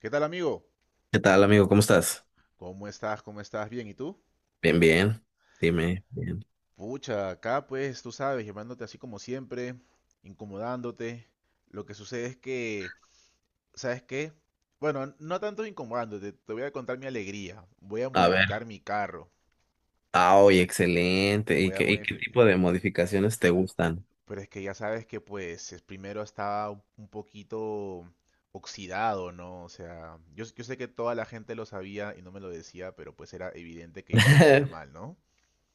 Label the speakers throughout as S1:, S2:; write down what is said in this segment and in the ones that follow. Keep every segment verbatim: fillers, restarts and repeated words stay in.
S1: ¿Qué tal, amigo?
S2: ¿Qué tal, amigo? ¿Cómo estás?
S1: ¿Cómo estás? ¿Cómo estás? Bien, ¿y tú?
S2: Bien, bien. Dime, bien.
S1: Pucha, acá pues tú sabes, llamándote así como siempre, incomodándote. Lo que sucede es que, ¿sabes qué? Bueno, no tanto incomodándote, te voy a contar mi alegría. Voy a
S2: A ver.
S1: modificar mi carro.
S2: Ah, oye, excelente. ¿Y
S1: Voy a
S2: qué, y qué
S1: modificar.
S2: tipo de modificaciones te gustan?
S1: Pero es que ya sabes que pues es- primero estaba un un poquito oxidado, ¿no? O sea, yo, s- yo sé que toda la gente lo sabía y no me lo decía, pero pues era evidente que ya se veía mal, ¿no?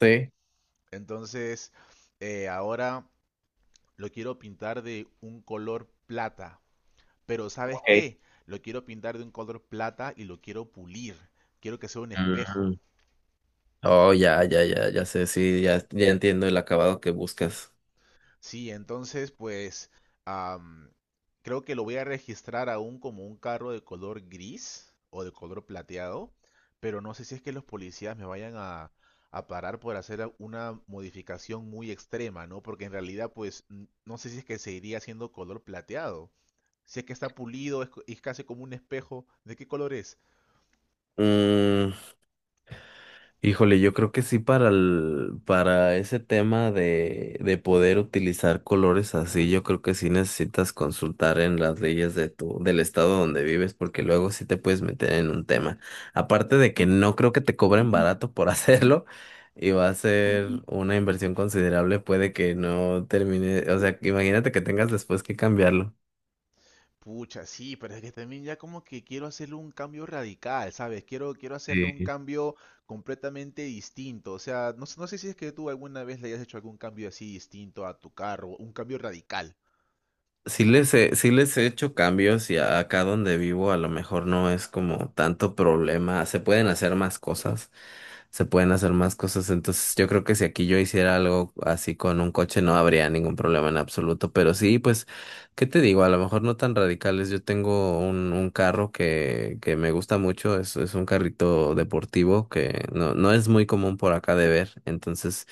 S2: Sí.
S1: Entonces, eh, ahora lo quiero pintar de un color plata. Pero ¿sabes
S2: Ok.
S1: qué? Lo quiero pintar de un color plata y lo quiero pulir. Quiero que sea un espejo.
S2: Mm. Oh, ya, ya, ya, ya sé. Sí, ya, ya entiendo el acabado que buscas.
S1: Sí, entonces pues am, creo que lo voy a registrar aún como un carro de color gris o de color plateado. Pero no sé si es que los policías me vayan a, a parar por hacer a- una modificación muy extrema, ¿no? Porque en realidad pues n- no sé si es que seguiría siendo color plateado. Si es que está pulido, es, co- es casi como un espejo. ¿De qué color es?
S2: Mm, Híjole, yo creo que sí para el, para ese tema de, de poder utilizar colores así, yo creo que sí necesitas consultar en las leyes de tu, del estado donde vives, porque luego sí te puedes meter en un tema. Aparte de que no creo que te cobren barato por hacerlo, y va a ser una inversión considerable, puede que no termine, o sea, imagínate que tengas después que cambiarlo.
S1: Pucha, sí, pero es que también ya como que quiero hacerle un cambio radical, ¿sabes? Quiero, quiero hacerle un
S2: Sí.
S1: cambio completamente distinto. O sea, no, sé- no sé si es que tú alguna vez le hayas hecho algún cambio así distinto a tu carro, un cambio radical.
S2: Sí les he, sí les he hecho cambios y a- acá donde vivo a lo mejor no es como tanto problema. Se pueden hacer más cosas, se pueden hacer más cosas. Entonces yo creo que si aquí yo hiciera algo así con un coche no habría ningún problema en absoluto. Pero sí, pues, ¿qué te digo? A lo mejor no tan radicales. Yo tengo un, un carro que, que me gusta mucho. Es, es un carrito deportivo que no, no es muy común por acá de ver. Entonces...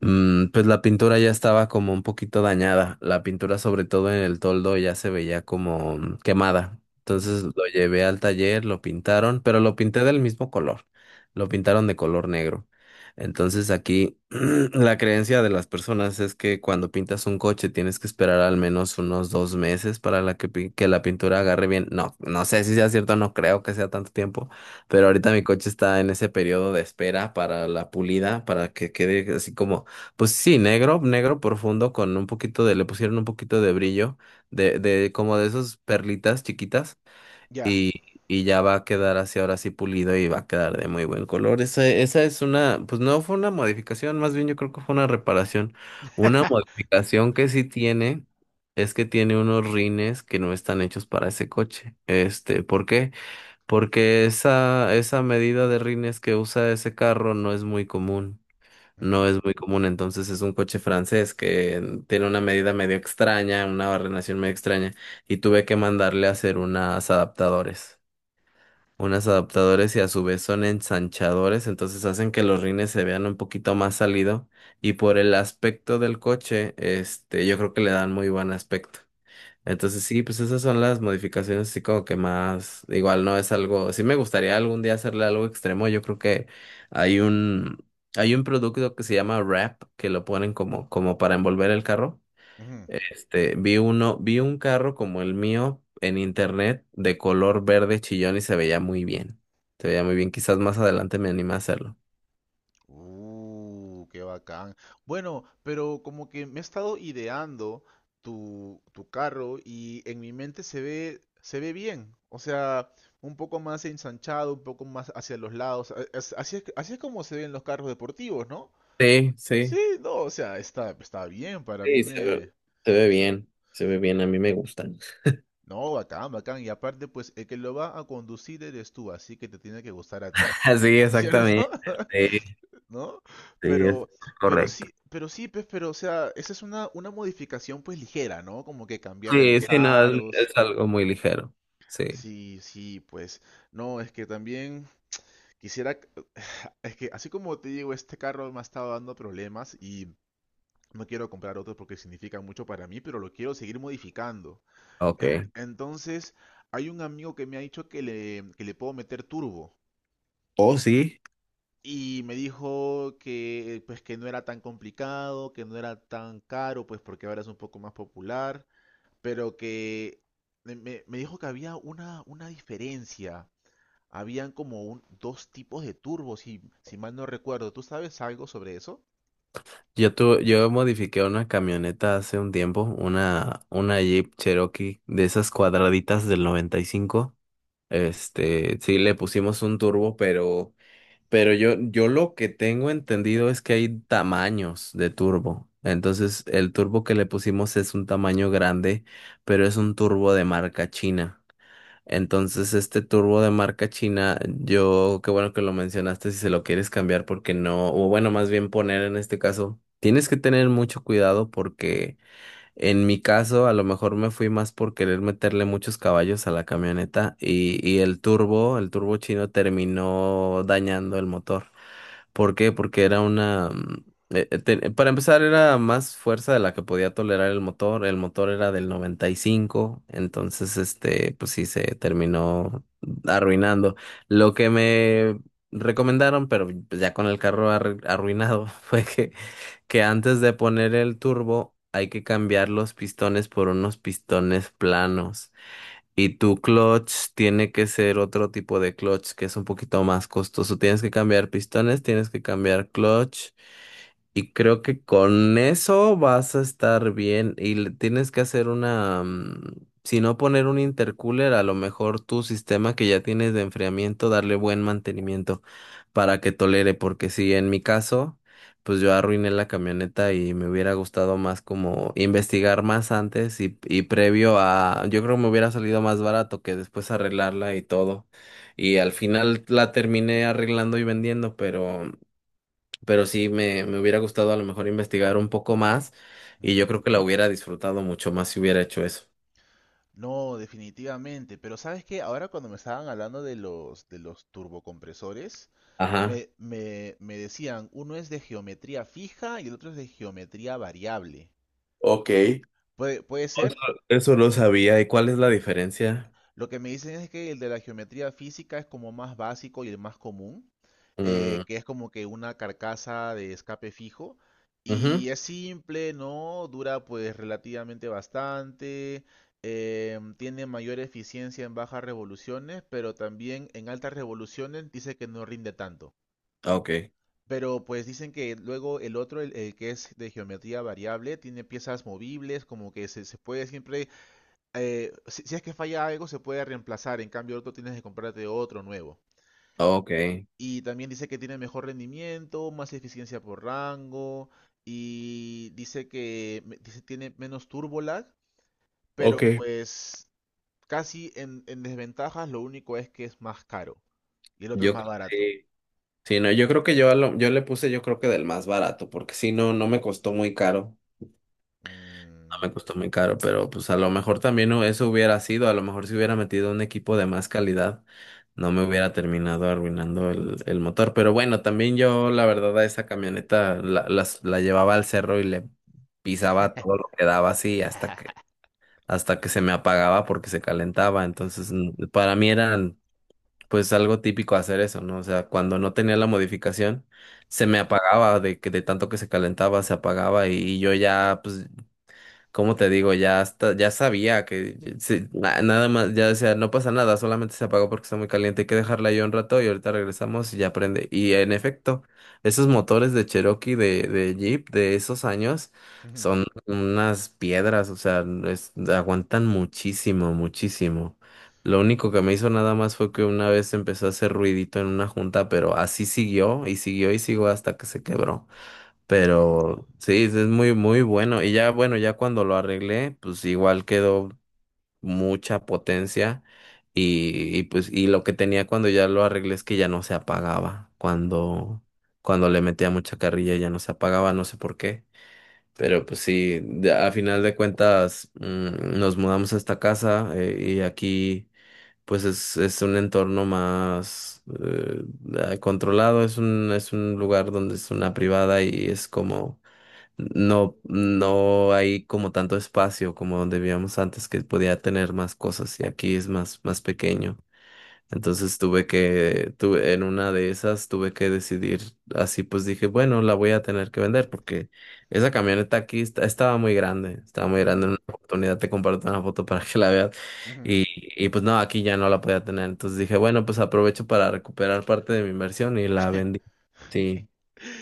S2: Mm, pues la pintura ya estaba como un poquito dañada. La pintura, sobre todo en el toldo, ya se veía como mm, quemada.
S1: Ujú.
S2: Entonces lo llevé al taller, lo pintaron, pero lo pinté del mismo color. Lo pintaron de color negro. Entonces aquí la creencia de las personas es que cuando pintas un coche tienes que esperar al menos unos dos meses para la que, pi- que la pintura agarre bien. No, no sé si sea cierto, no creo que sea tanto tiempo. Pero ahorita mi coche está en ese periodo de espera para la pulida, para que quede así como pues sí, negro, negro profundo con un poquito de, le pusieron un poquito de brillo, de, de como de esas perlitas chiquitas
S1: Ya.
S2: y, y ya va a quedar así ahora sí pulido y va a quedar de muy buen color. Esa, esa es una, pues no fue una modificación, más bien yo creo que fue una reparación. Una modificación que sí tiene es que tiene unos rines que no están hechos para ese coche. Este, ¿por qué? Porque esa, esa medida de rines que usa ese carro no es muy común. No
S1: Ujú,
S2: es muy común, entonces es un coche francés que tiene una medida medio extraña, una barrenación medio extraña, y tuve que mandarle a hacer unas adaptadores. Unas adaptadores y a su vez son ensanchadores, entonces hacen que los rines se vean un poquito más salido, y por el aspecto del coche, este, yo creo que le dan muy buen aspecto. Entonces sí, pues esas son las modificaciones así como que más, igual no es algo, sí me gustaría algún día hacerle algo extremo, yo creo que hay un, hay un producto que se llama wrap, que lo ponen como, como para envolver el carro.
S1: ujú.
S2: Este, vi uno, vi un carro como el mío en internet de color verde chillón y se veía muy bien. Se veía muy bien, quizás más adelante me anime a hacerlo.
S1: Uh, qué bacán. Bueno, pero como que me he estado ideando tu, tu carro y en mi mente se ve, se ve bien. O sea, un poco más ensanchado, un poco más hacia los lados. A- as- Así es, que- así es como se ven los carros deportivos, ¿no?
S2: Sí, sí.
S1: Sí, no, o sea, está, está bien, para mí
S2: Sí, se ve,
S1: me...
S2: se ve
S1: me suena-
S2: bien, se ve bien, a mí me gustan.
S1: No, bacán, bacán. Y aparte, pues el que lo va a conducir eres tú, así que te tiene que gustar a ti,
S2: Sí,
S1: ¿cierto?
S2: exactamente. Sí,
S1: ¿no?
S2: sí, es
S1: Pero, pero
S2: correcto.
S1: sí, pero sí, pues, pero, o sea, esa es una, una modificación, pues, ligera, ¿no? Como que cambiarle
S2: Sí,
S1: los
S2: sí, no, es
S1: aros.
S2: es algo muy ligero. Sí,
S1: Sí, sí, pues, no, es que también quisiera, c- es que así como te digo, este carro me ha estado dando problemas y no quiero comprar otro porque significa mucho para mí, pero lo quiero seguir modificando.
S2: ok.
S1: En- entonces, hay un amigo que me ha dicho que le, que le puedo meter turbo.
S2: Oh, sí.
S1: Y me dijo que eh, pues que no era tan complicado, que no era tan caro, pues porque ahora es un poco más popular, pero que me, me- me dijo que había una, una diferencia. Habían como un- dos tipos de turbos, si, si mal no recuerdo. ¿Tú sabes algo sobre eso?
S2: Yo tu, yo modifiqué una camioneta hace un tiempo, una, una Jeep Cherokee de esas cuadraditas del noventa y cinco. Este, sí, le pusimos un turbo, pero, pero yo, yo lo que tengo entendido es que hay tamaños de turbo. Entonces, el turbo que le pusimos es un tamaño grande, pero es un turbo de marca china. Entonces, este turbo de marca china, yo, qué bueno que lo mencionaste, si se lo quieres cambiar, porque no, o bueno, más bien poner en este caso, tienes que tener mucho cuidado porque en mi caso, a lo mejor me fui más por querer meterle muchos caballos a la camioneta y, y el turbo, el turbo chino terminó dañando el motor. ¿Por qué? Porque era una... mm, eh, eh, te- para empezar, era más fuerza de la que podía tolerar el motor. El motor era del noventa y cinco, entonces, este, pues sí, se terminó arruinando. Lo que me recomendaron, pero pues, ya con el carro arru- arruinado, fue que que antes de poner el turbo hay que cambiar los pistones por unos pistones planos. Y tu clutch tiene que ser otro tipo de clutch que es un poquito más costoso. Tienes que cambiar pistones, tienes que cambiar clutch. Y creo que con eso vas a estar bien y le tienes que hacer una, mm, si no poner un intercooler, a lo mejor tu sistema que ya tienes de enfriamiento, darle buen mantenimiento para que tolere, porque si en mi caso, pues yo arruiné la camioneta y me hubiera gustado más como investigar más antes y, y previo a, yo creo que me hubiera salido más barato que después arreglarla y todo. Y al final la terminé arreglando y vendiendo, pero pero sí me, me hubiera gustado a lo mejor investigar un poco más y yo
S1: Ujú.
S2: creo que la hubiera disfrutado mucho más si hubiera hecho eso.
S1: No, definitivamente. Pero sabes que ahora cuando me estaban hablando de los, de los turbocompresores,
S2: Ajá.
S1: me, me, me decían, uno es de geometría fija y el otro es de geometría variable.
S2: Ok.
S1: Puede, puede
S2: Eso,
S1: ser.
S2: eso lo sabía. ¿Y cuál es la diferencia?
S1: Lo que me dicen es que el de la geometría física es como más básico y el más común, eh,
S2: Mm,
S1: que es como que una carcasa de escape fijo.
S2: ujú.
S1: Y es simple, ¿no? Dura pues relativamente bastante. eh, tiene mayor eficiencia en bajas revoluciones, pero también en altas revoluciones dice que no rinde tanto.
S2: Ok,
S1: Pero pues dicen que luego el otro, el, el que es de geometría variable, tiene piezas movibles, como que se, se puede siempre eh, si, si es que falla algo, se puede reemplazar. En cambio, el otro tienes que comprarte otro nuevo.
S2: ok. Ah,
S1: Y también dice que tiene mejor rendimiento, más eficiencia por rango. Y dice que me- dice tiene menos turbo lag. Pero
S2: ok.
S1: pues casi en, en desventajas, lo único es que es más caro. Y el otro es
S2: Yo
S1: más
S2: creo que
S1: barato.
S2: sí, sí, no, yo creo que yo, a lo- yo le puse yo creo que del más barato, porque si no, no me costó muy caro. No
S1: Mm,
S2: me costó muy caro, pero pues a lo mejor también hu- eso hubiera sido, a lo mejor si hubiera metido un equipo de más calidad, no me hubiera terminado arruinando el, el motor. Pero bueno, también yo la verdad a esa camioneta la, las- la llevaba al cerro y le pisaba todo lo que daba así hasta que, hasta que se me apagaba porque se calentaba. Entonces, mm, para mí era pues algo típico hacer eso, ¿no? O sea, cuando no tenía la modificación se
S1: sí.
S2: me apagaba de que de tanto que se calentaba, se apagaba y, y yo ya pues cómo te digo, ya hasta, ya sabía que sí, na- nada más, ya decía, no pasa nada, solamente se apagó porque está muy caliente, hay que dejarla ahí un rato y ahorita regresamos y ya prende. Y en efecto, esos motores de Cherokee, de, de Jeep, de esos años,
S1: Ujú.
S2: son unas piedras, o sea, es- aguantan muchísimo, muchísimo. Lo único que me hizo nada más fue que una vez empezó a hacer ruidito en una junta, pero así siguió y siguió y siguió hasta que se quebró.
S1: Ah,
S2: Pero sí, es muy, muy bueno. Y ya, bueno, ya cuando lo arreglé, pues igual quedó mucha potencia. Y, y pues, y lo que tenía cuando ya lo arreglé es que ya no se apagaba. Cuando, cuando le metía mucha carrilla ya no se apagaba, no sé por qué. Pero pues sí, de- a final de cuentas, mm, nos mudamos a esta casa, eh, y aquí pues es, es un entorno más eh, controlado, es un, es un lugar donde es una privada y es como no, no hay como tanto espacio como donde vivíamos antes que podía tener más cosas y aquí es más, más pequeño. Entonces tuve que, tuve, en una de esas tuve que decidir, así pues dije, bueno, la voy a tener que vender porque esa camioneta aquí está- estaba muy grande, estaba muy grande, en
S1: ujú,
S2: una oportunidad te comparto una foto para que la veas
S1: ujú.
S2: y, y pues no, aquí ya no la podía tener. Entonces dije, bueno, pues aprovecho para recuperar parte de mi inversión y la vendí. Sí,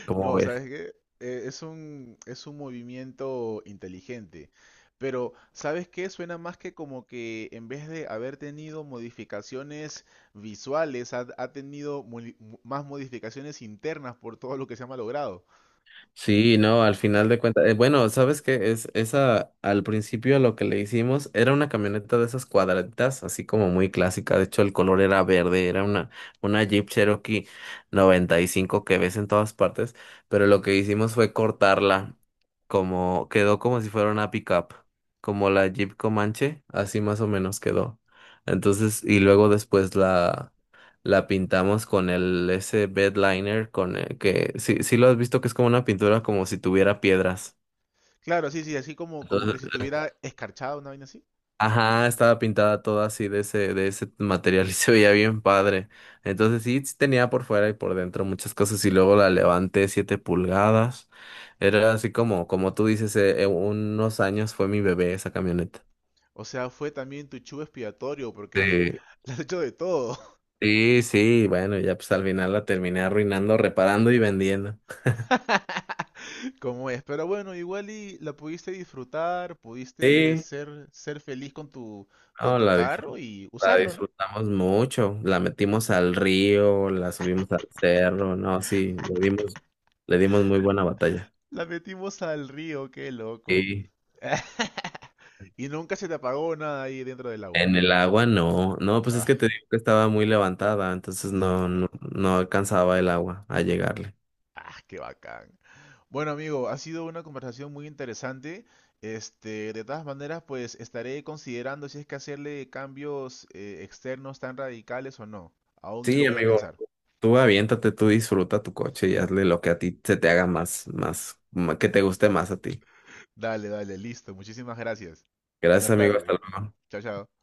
S2: como
S1: No, ¿sabes
S2: ves.
S1: qué? Eh, es un, es un movimiento inteligente. Pero, ¿sabes qué? Suena más que como que en vez de haber tenido modificaciones visuales, ha, ha tenido moli- mo- más modificaciones internas por todo lo que se ha malogrado.
S2: Sí, no, al final de cuentas, eh, bueno, ¿sabes qué? Es esa, al principio lo que le hicimos era una camioneta de esas cuadraditas, así como muy clásica, de hecho el color era verde, era una, una Jeep Cherokee noventa y cinco que ves en todas partes, pero lo que hicimos fue cortarla, como, quedó como si fuera una pickup, como la Jeep Comanche, así más o menos quedó. Entonces, y luego después la la pintamos con el ese bed liner con el que sí, sí lo has visto que es como una pintura como si tuviera piedras.
S1: Claro, sí, sí, así como, como
S2: Entonces,
S1: que si tuviera escarchado una vaina así.
S2: ajá, estaba pintada toda así de ese de ese material y se veía bien padre. Entonces sí, sí tenía por fuera y por dentro muchas cosas y luego la levanté siete pulgadas. Era así como como tú dices, eh, eh, unos años fue mi bebé esa camioneta.
S1: O sea, fue también tu chivo expiatorio porque
S2: Sí,
S1: le has hecho de todo.
S2: sí, sí, bueno, ya pues al final la terminé arruinando, reparando y vendiendo.
S1: Como es, pero bueno, igual y la pudiste disfrutar, pudiste
S2: Sí.
S1: ser, ser feliz con tu, con
S2: No,
S1: tu
S2: la disfrut-
S1: carro y
S2: la
S1: usarlo, ¿no?
S2: disfrutamos mucho. La metimos al río, la subimos al cerro. No, sí, le dimos, le dimos muy buena batalla.
S1: La metimos al río, qué loco.
S2: Sí.
S1: Y nunca se te apagó nada ahí dentro del agua.
S2: En el agua no. No, pues es
S1: Ah,
S2: que te digo que estaba muy levantada, entonces
S1: sí.
S2: no, no, no alcanzaba el agua a llegarle.
S1: Ah, qué bacán. Bueno, amigo, ha sido una conversación muy interesante. Este, de todas maneras, pues estaré considerando si es que hacerle cambios eh, externos tan radicales o no. Aún lo
S2: Sí,
S1: voy a
S2: amigo,
S1: pensar.
S2: tú aviéntate, tú disfruta tu coche y hazle lo que a ti se te haga más, más, ma- que te guste más a ti.
S1: Dale, dale, listo. Muchísimas gracias.
S2: Gracias,
S1: Buenas
S2: amigo,
S1: tardes.
S2: hasta luego.
S1: Chao, chao.